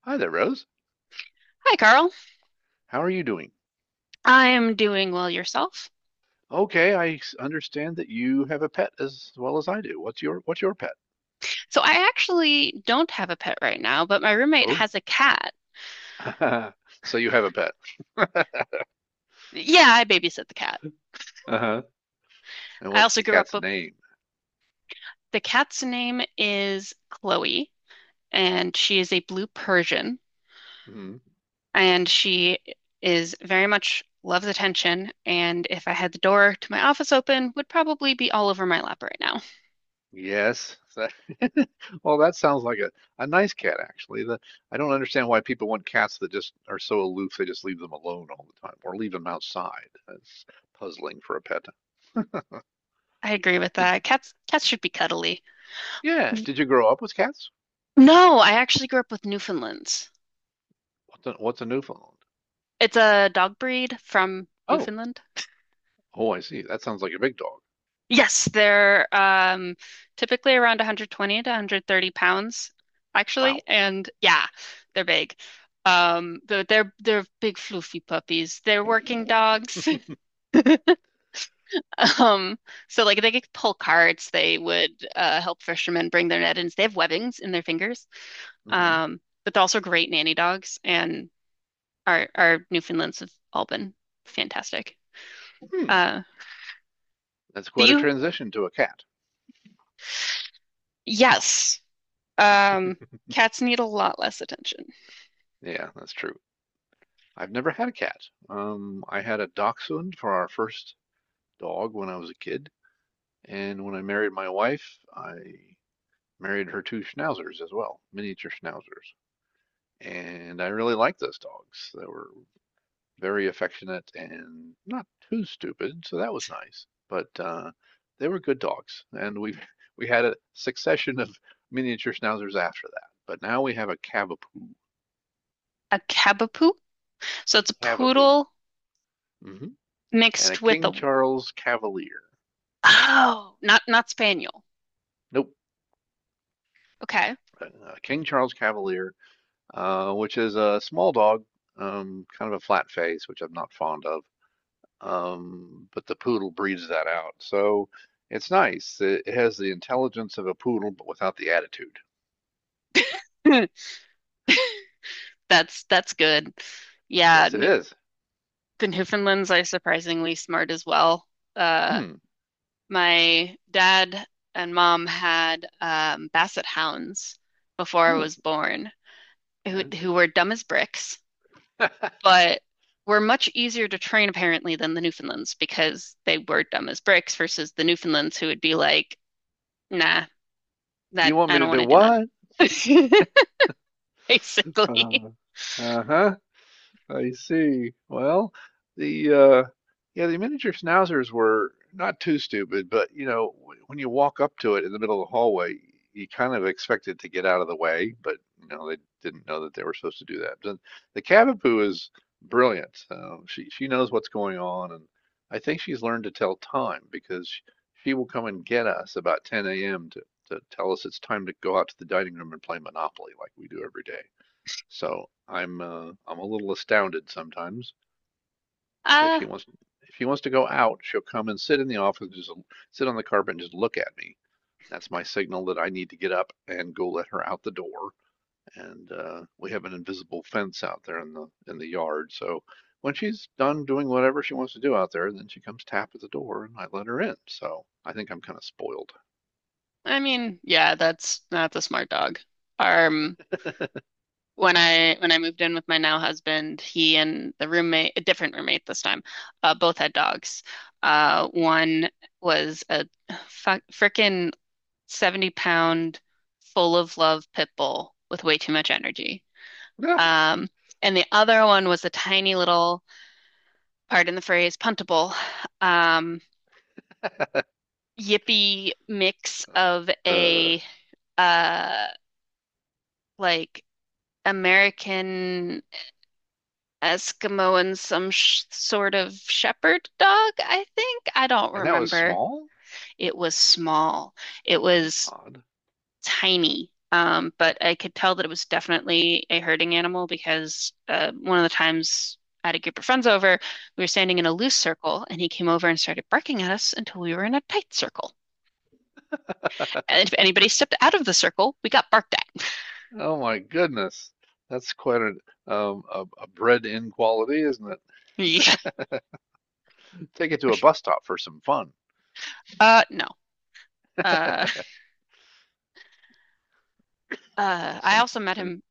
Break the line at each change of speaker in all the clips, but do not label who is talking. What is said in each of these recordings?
Hi there, Rose.
Hi, Carl.
How are you doing?
I'm doing well yourself.
Okay, understand that you have a pet as well as I do. What's your pet?
So I actually don't have a pet right now, but my roommate
Oh,
has a cat.
so you have a pet.
Yeah, I babysit the cat.
Uh-huh. And
I
what's
also
the
grew up
cat's
with
name?
the cat's name is Chloe, and she is a blue Persian,
hmm
and she is very much loves attention, and if I had the door to my office open, would probably be all over my lap right now.
Yes. Well, that sounds like a nice cat, actually. I don't understand why people want cats that just are so aloof they just leave them alone all the time or leave them outside. That's puzzling for a pet.
I agree with
Did,
that. Cats should be cuddly.
yeah. Did you grow up with cats?
No, I actually grew up with Newfoundlands.
What's a Newfoundland?
It's a dog breed from
Oh,
Newfoundland.
oh, I see. That sounds like a big dog.
Yes, they're typically around 120 to 130 pounds, actually,
Wow.
and yeah, they're big. But they're big fluffy puppies. They're working dogs. Um, so like they could pull carts. They would help fishermen bring their net in. They have webbings in their fingers.
hmm
But they're also great nanny dogs, and our Newfoundlands have all been fantastic.
Hmm.
Uh,
That's
do
quite a
you?
transition to a cat.
Yes. Um, cats need a lot less attention.
Yeah, that's true. I've never had a cat. I had a dachshund for our first dog when I was a kid, and when I married my wife, I married her two schnauzers as well, miniature schnauzers. And I really liked those dogs. They were very affectionate and not too stupid, so that was nice. But they were good dogs, and we we had a succession of miniature schnauzers after that. But now we have
A Cavapoo. So
a
it's a
Cavapoo,
poodle
hmm and a
mixed with a
King Charles Cavalier.
oh, not not spaniel.
Nope,
Okay.
a King Charles Cavalier, which is a small dog, kind of a flat face, which I'm not fond of. But the poodle breeds that out, so it's nice. It has the intelligence of a poodle, but without the attitude.
That's good. Yeah,
Yes, it is.
the Newfoundlands are surprisingly smart as well. Uh,
Hmm.
my dad and mom had Basset hounds before I
Oh,
was born, who
yeah.
who were dumb as bricks, but were much easier to train apparently than the Newfoundlands because they were dumb as bricks versus the Newfoundlands who would be like, nah, that
You want
I
me to
don't want
do
to do that.
what?
Basically.
Uh, uh-huh. I see. Well, the yeah, the miniature schnauzers were not too stupid, but you know, when you walk up to it in the middle of the hallway, you kind of expect it to get out of the way, but you know, they didn't know that they were supposed to do that. Then the Cavapoo is brilliant. She knows what's going on, and I think she's learned to tell time because she will come and get us about 10 a.m. To tell us it's time to go out to the dining room and play Monopoly like we do every day. So I'm a little astounded sometimes. If
Uh,
she wants if she wants to go out, she'll come and sit in the office, just sit on the carpet and just look at me. That's my signal that I need to get up and go let her out the door. And we have an invisible fence out there in the yard. So when she's done doing whatever she wants to do out there, then she comes tap at the door and I let her in. So I think I'm kind of spoiled.
I mean, yeah, that's a smart dog. Um, when I moved in with my now husband, he and the roommate, a different roommate this time, both had dogs. One was a fuck frickin' 70 pound full of love pit bull with way too much energy. Um, and the other one was a tiny little, pardon the phrase, puntable, um, yippy mix of
Uh,
a uh like American Eskimo and some sh sort of shepherd dog, I think. I don't
and that was
remember.
small?
It was small. It
That's
was
odd.
tiny. But I could tell that it was definitely a herding animal because one of the times I had a group of friends over, we were standing in a loose circle, and he came over and started barking at us until we were in a tight circle. And if anybody stepped out of the circle, we got barked at.
Oh my goodness. That's quite a bred in quality, isn't it?
Yeah,
Take it to
for
a
sure.
bus stop for some fun.
No. Uh, I
Sen,
also met
sen,
him.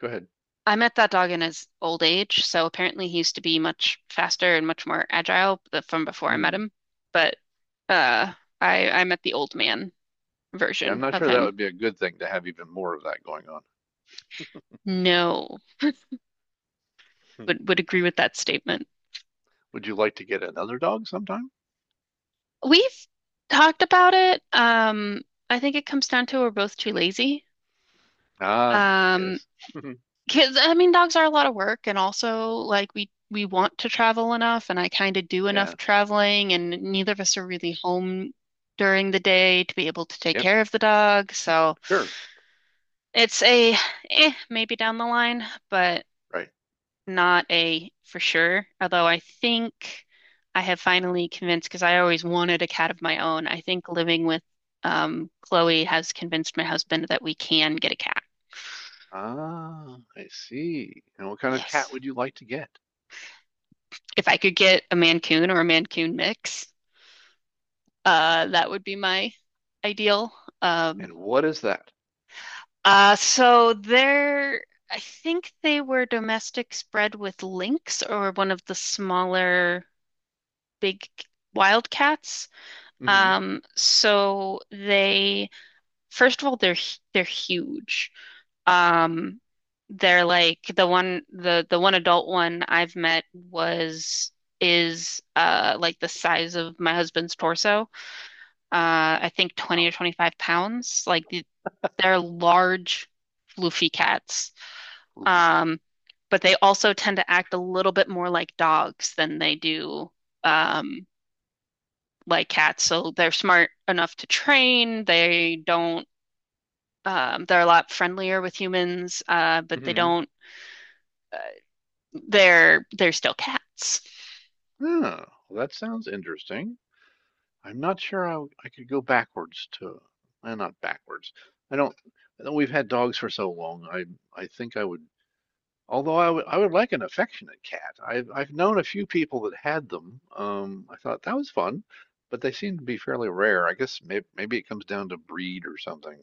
go ahead.
I met that dog in his old age, so apparently he used to be much faster and much more agile from before I met
Mm.
him. But uh, I met the old man
Yeah, I'm
version
not
of
sure that
him.
would be a good thing to have even more of that going on.
No,
Hmm.
would agree with that statement.
Would you like to get another dog sometime?
We've talked about it. I think it comes down to we're both too lazy.
Ah,
Um,
yes.
Kids, I mean, dogs are a lot of work, and also like we want to travel enough, and I kind of do enough
Yeah.
traveling, and neither of us are really home during the day to be able to take
Yep.
care of the dog. So
Sure.
it's a eh, maybe down the line, but
Right.
not a for sure. Although I think I have finally convinced, because I always wanted a cat of my own. I think living with Chloe has convinced my husband that we can get a cat.
Ah, I see. And what kind of
Yes.
cat would you like to get?
If I could get a Mancoon or a Mancoon mix. That would be my ideal. Um,
And what is that?
so there, I think they were domestic spread with lynx or one of the smaller big wildcats.
hmm
So they, first of all, they're huge. Um, they're like the one adult one I've met was is like the size of my husband's torso. I think 20
Wow.
or 25 pounds. Like the, they're large, floofy cats.
Poofy.
Um, but they also tend to act a little bit more like dogs than they do um, like cats. So they're smart enough to train. They don't. They're a lot friendlier with humans, but they
Mm-hmm.
don't. They're still cats.
Oh, well, that sounds interesting. I'm not sure I could go backwards to, eh, not backwards. I don't, I know we've had dogs for so long. I think I would, although I would like an affectionate cat. I've known a few people that had them. I thought that was fun, but they seem to be fairly rare. I guess maybe it comes down to breed or something.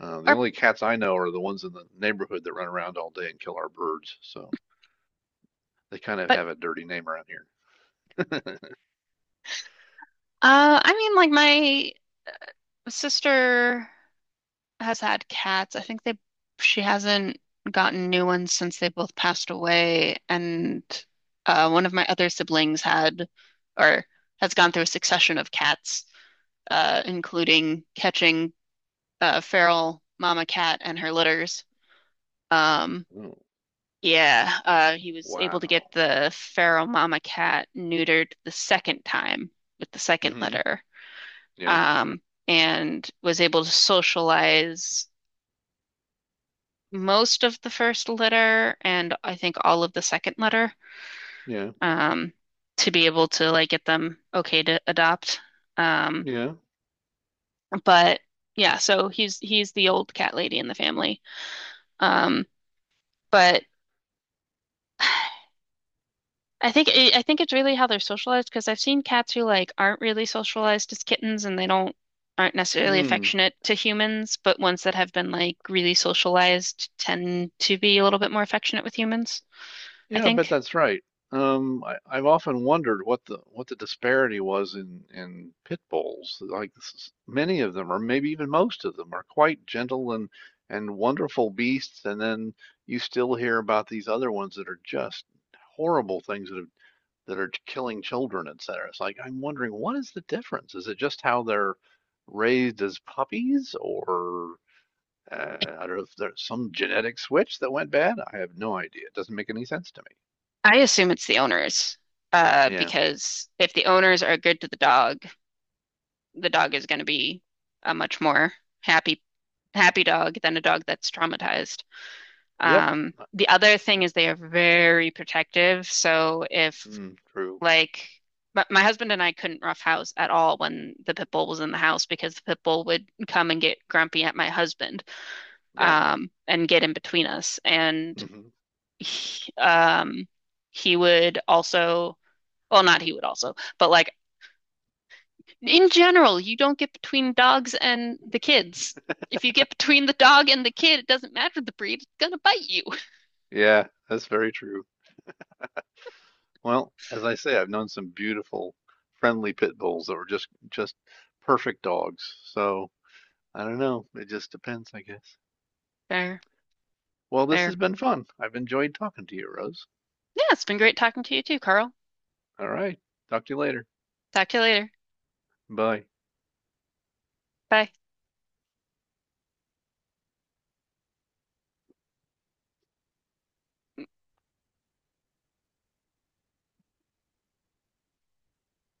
The
Or
only cats I know are the ones in the neighborhood that run around all day and kill our birds. So they kind of
but
have a dirty name around here.
I mean, like my sister has had cats. I think they she hasn't gotten new ones since they both passed away. And one of my other siblings had or has gone through a succession of cats, including catching a feral mama cat and her litters. Um,
Oh,
yeah, he was able to get
wow.
the feral mama cat neutered the second time with the second
hmm
litter.
Yeah.
Um, and was able to socialize most of the first letter and I think all of the second letter
Yeah.
um, to be able to like get them okay to adopt. Um,
Yeah.
but yeah, so he's the old cat lady in the family. Um, but I think it's really how they're socialized because I've seen cats who like aren't really socialized as kittens and they don't aren't necessarily
Hmm.
affectionate to humans, but ones that have been like really socialized tend to be a little bit more affectionate with humans, I
Yeah, I bet
think.
that's right. I've often wondered what the disparity was in pit bulls. Like many of them, or maybe even most of them, are quite gentle and wonderful beasts, and then you still hear about these other ones that are just horrible things that have that are killing children, et cetera. It's like I'm wondering what is the difference? Is it just how they're raised as puppies, or uh, I don't know if there's some genetic switch that went bad? I have no idea. It doesn't make any sense to me.
I assume it's the owners,
Yeah.
because if the owners are good to the dog is going to be a much more happy, happy dog than a dog that's traumatized.
Yep. Uh,
The other thing
yeah.
is they are very protective. So if
Mm, true.
like my husband and I couldn't rough house at all when the pit bull was in the house because the pit bull would come and get grumpy at my husband,
Yeah.
and get in between us. And
hmm
he, um, he would also well, not he would also, but like in general, you don't get between dogs and the kids. If you get between the dog and the kid, it doesn't matter the breed, it's gonna bite you.
Yeah, that's very true. Well, as I say, I've known some beautiful, friendly pit bulls that were just perfect dogs. So I don't know. It just depends, I guess.
Fair,
Well, this has
fair.
been fun. I've enjoyed talking to you, Rose.
Yeah, it's been great talking to you too, Carl.
All right. Talk to you later.
Talk to you later.
Bye.
Bye.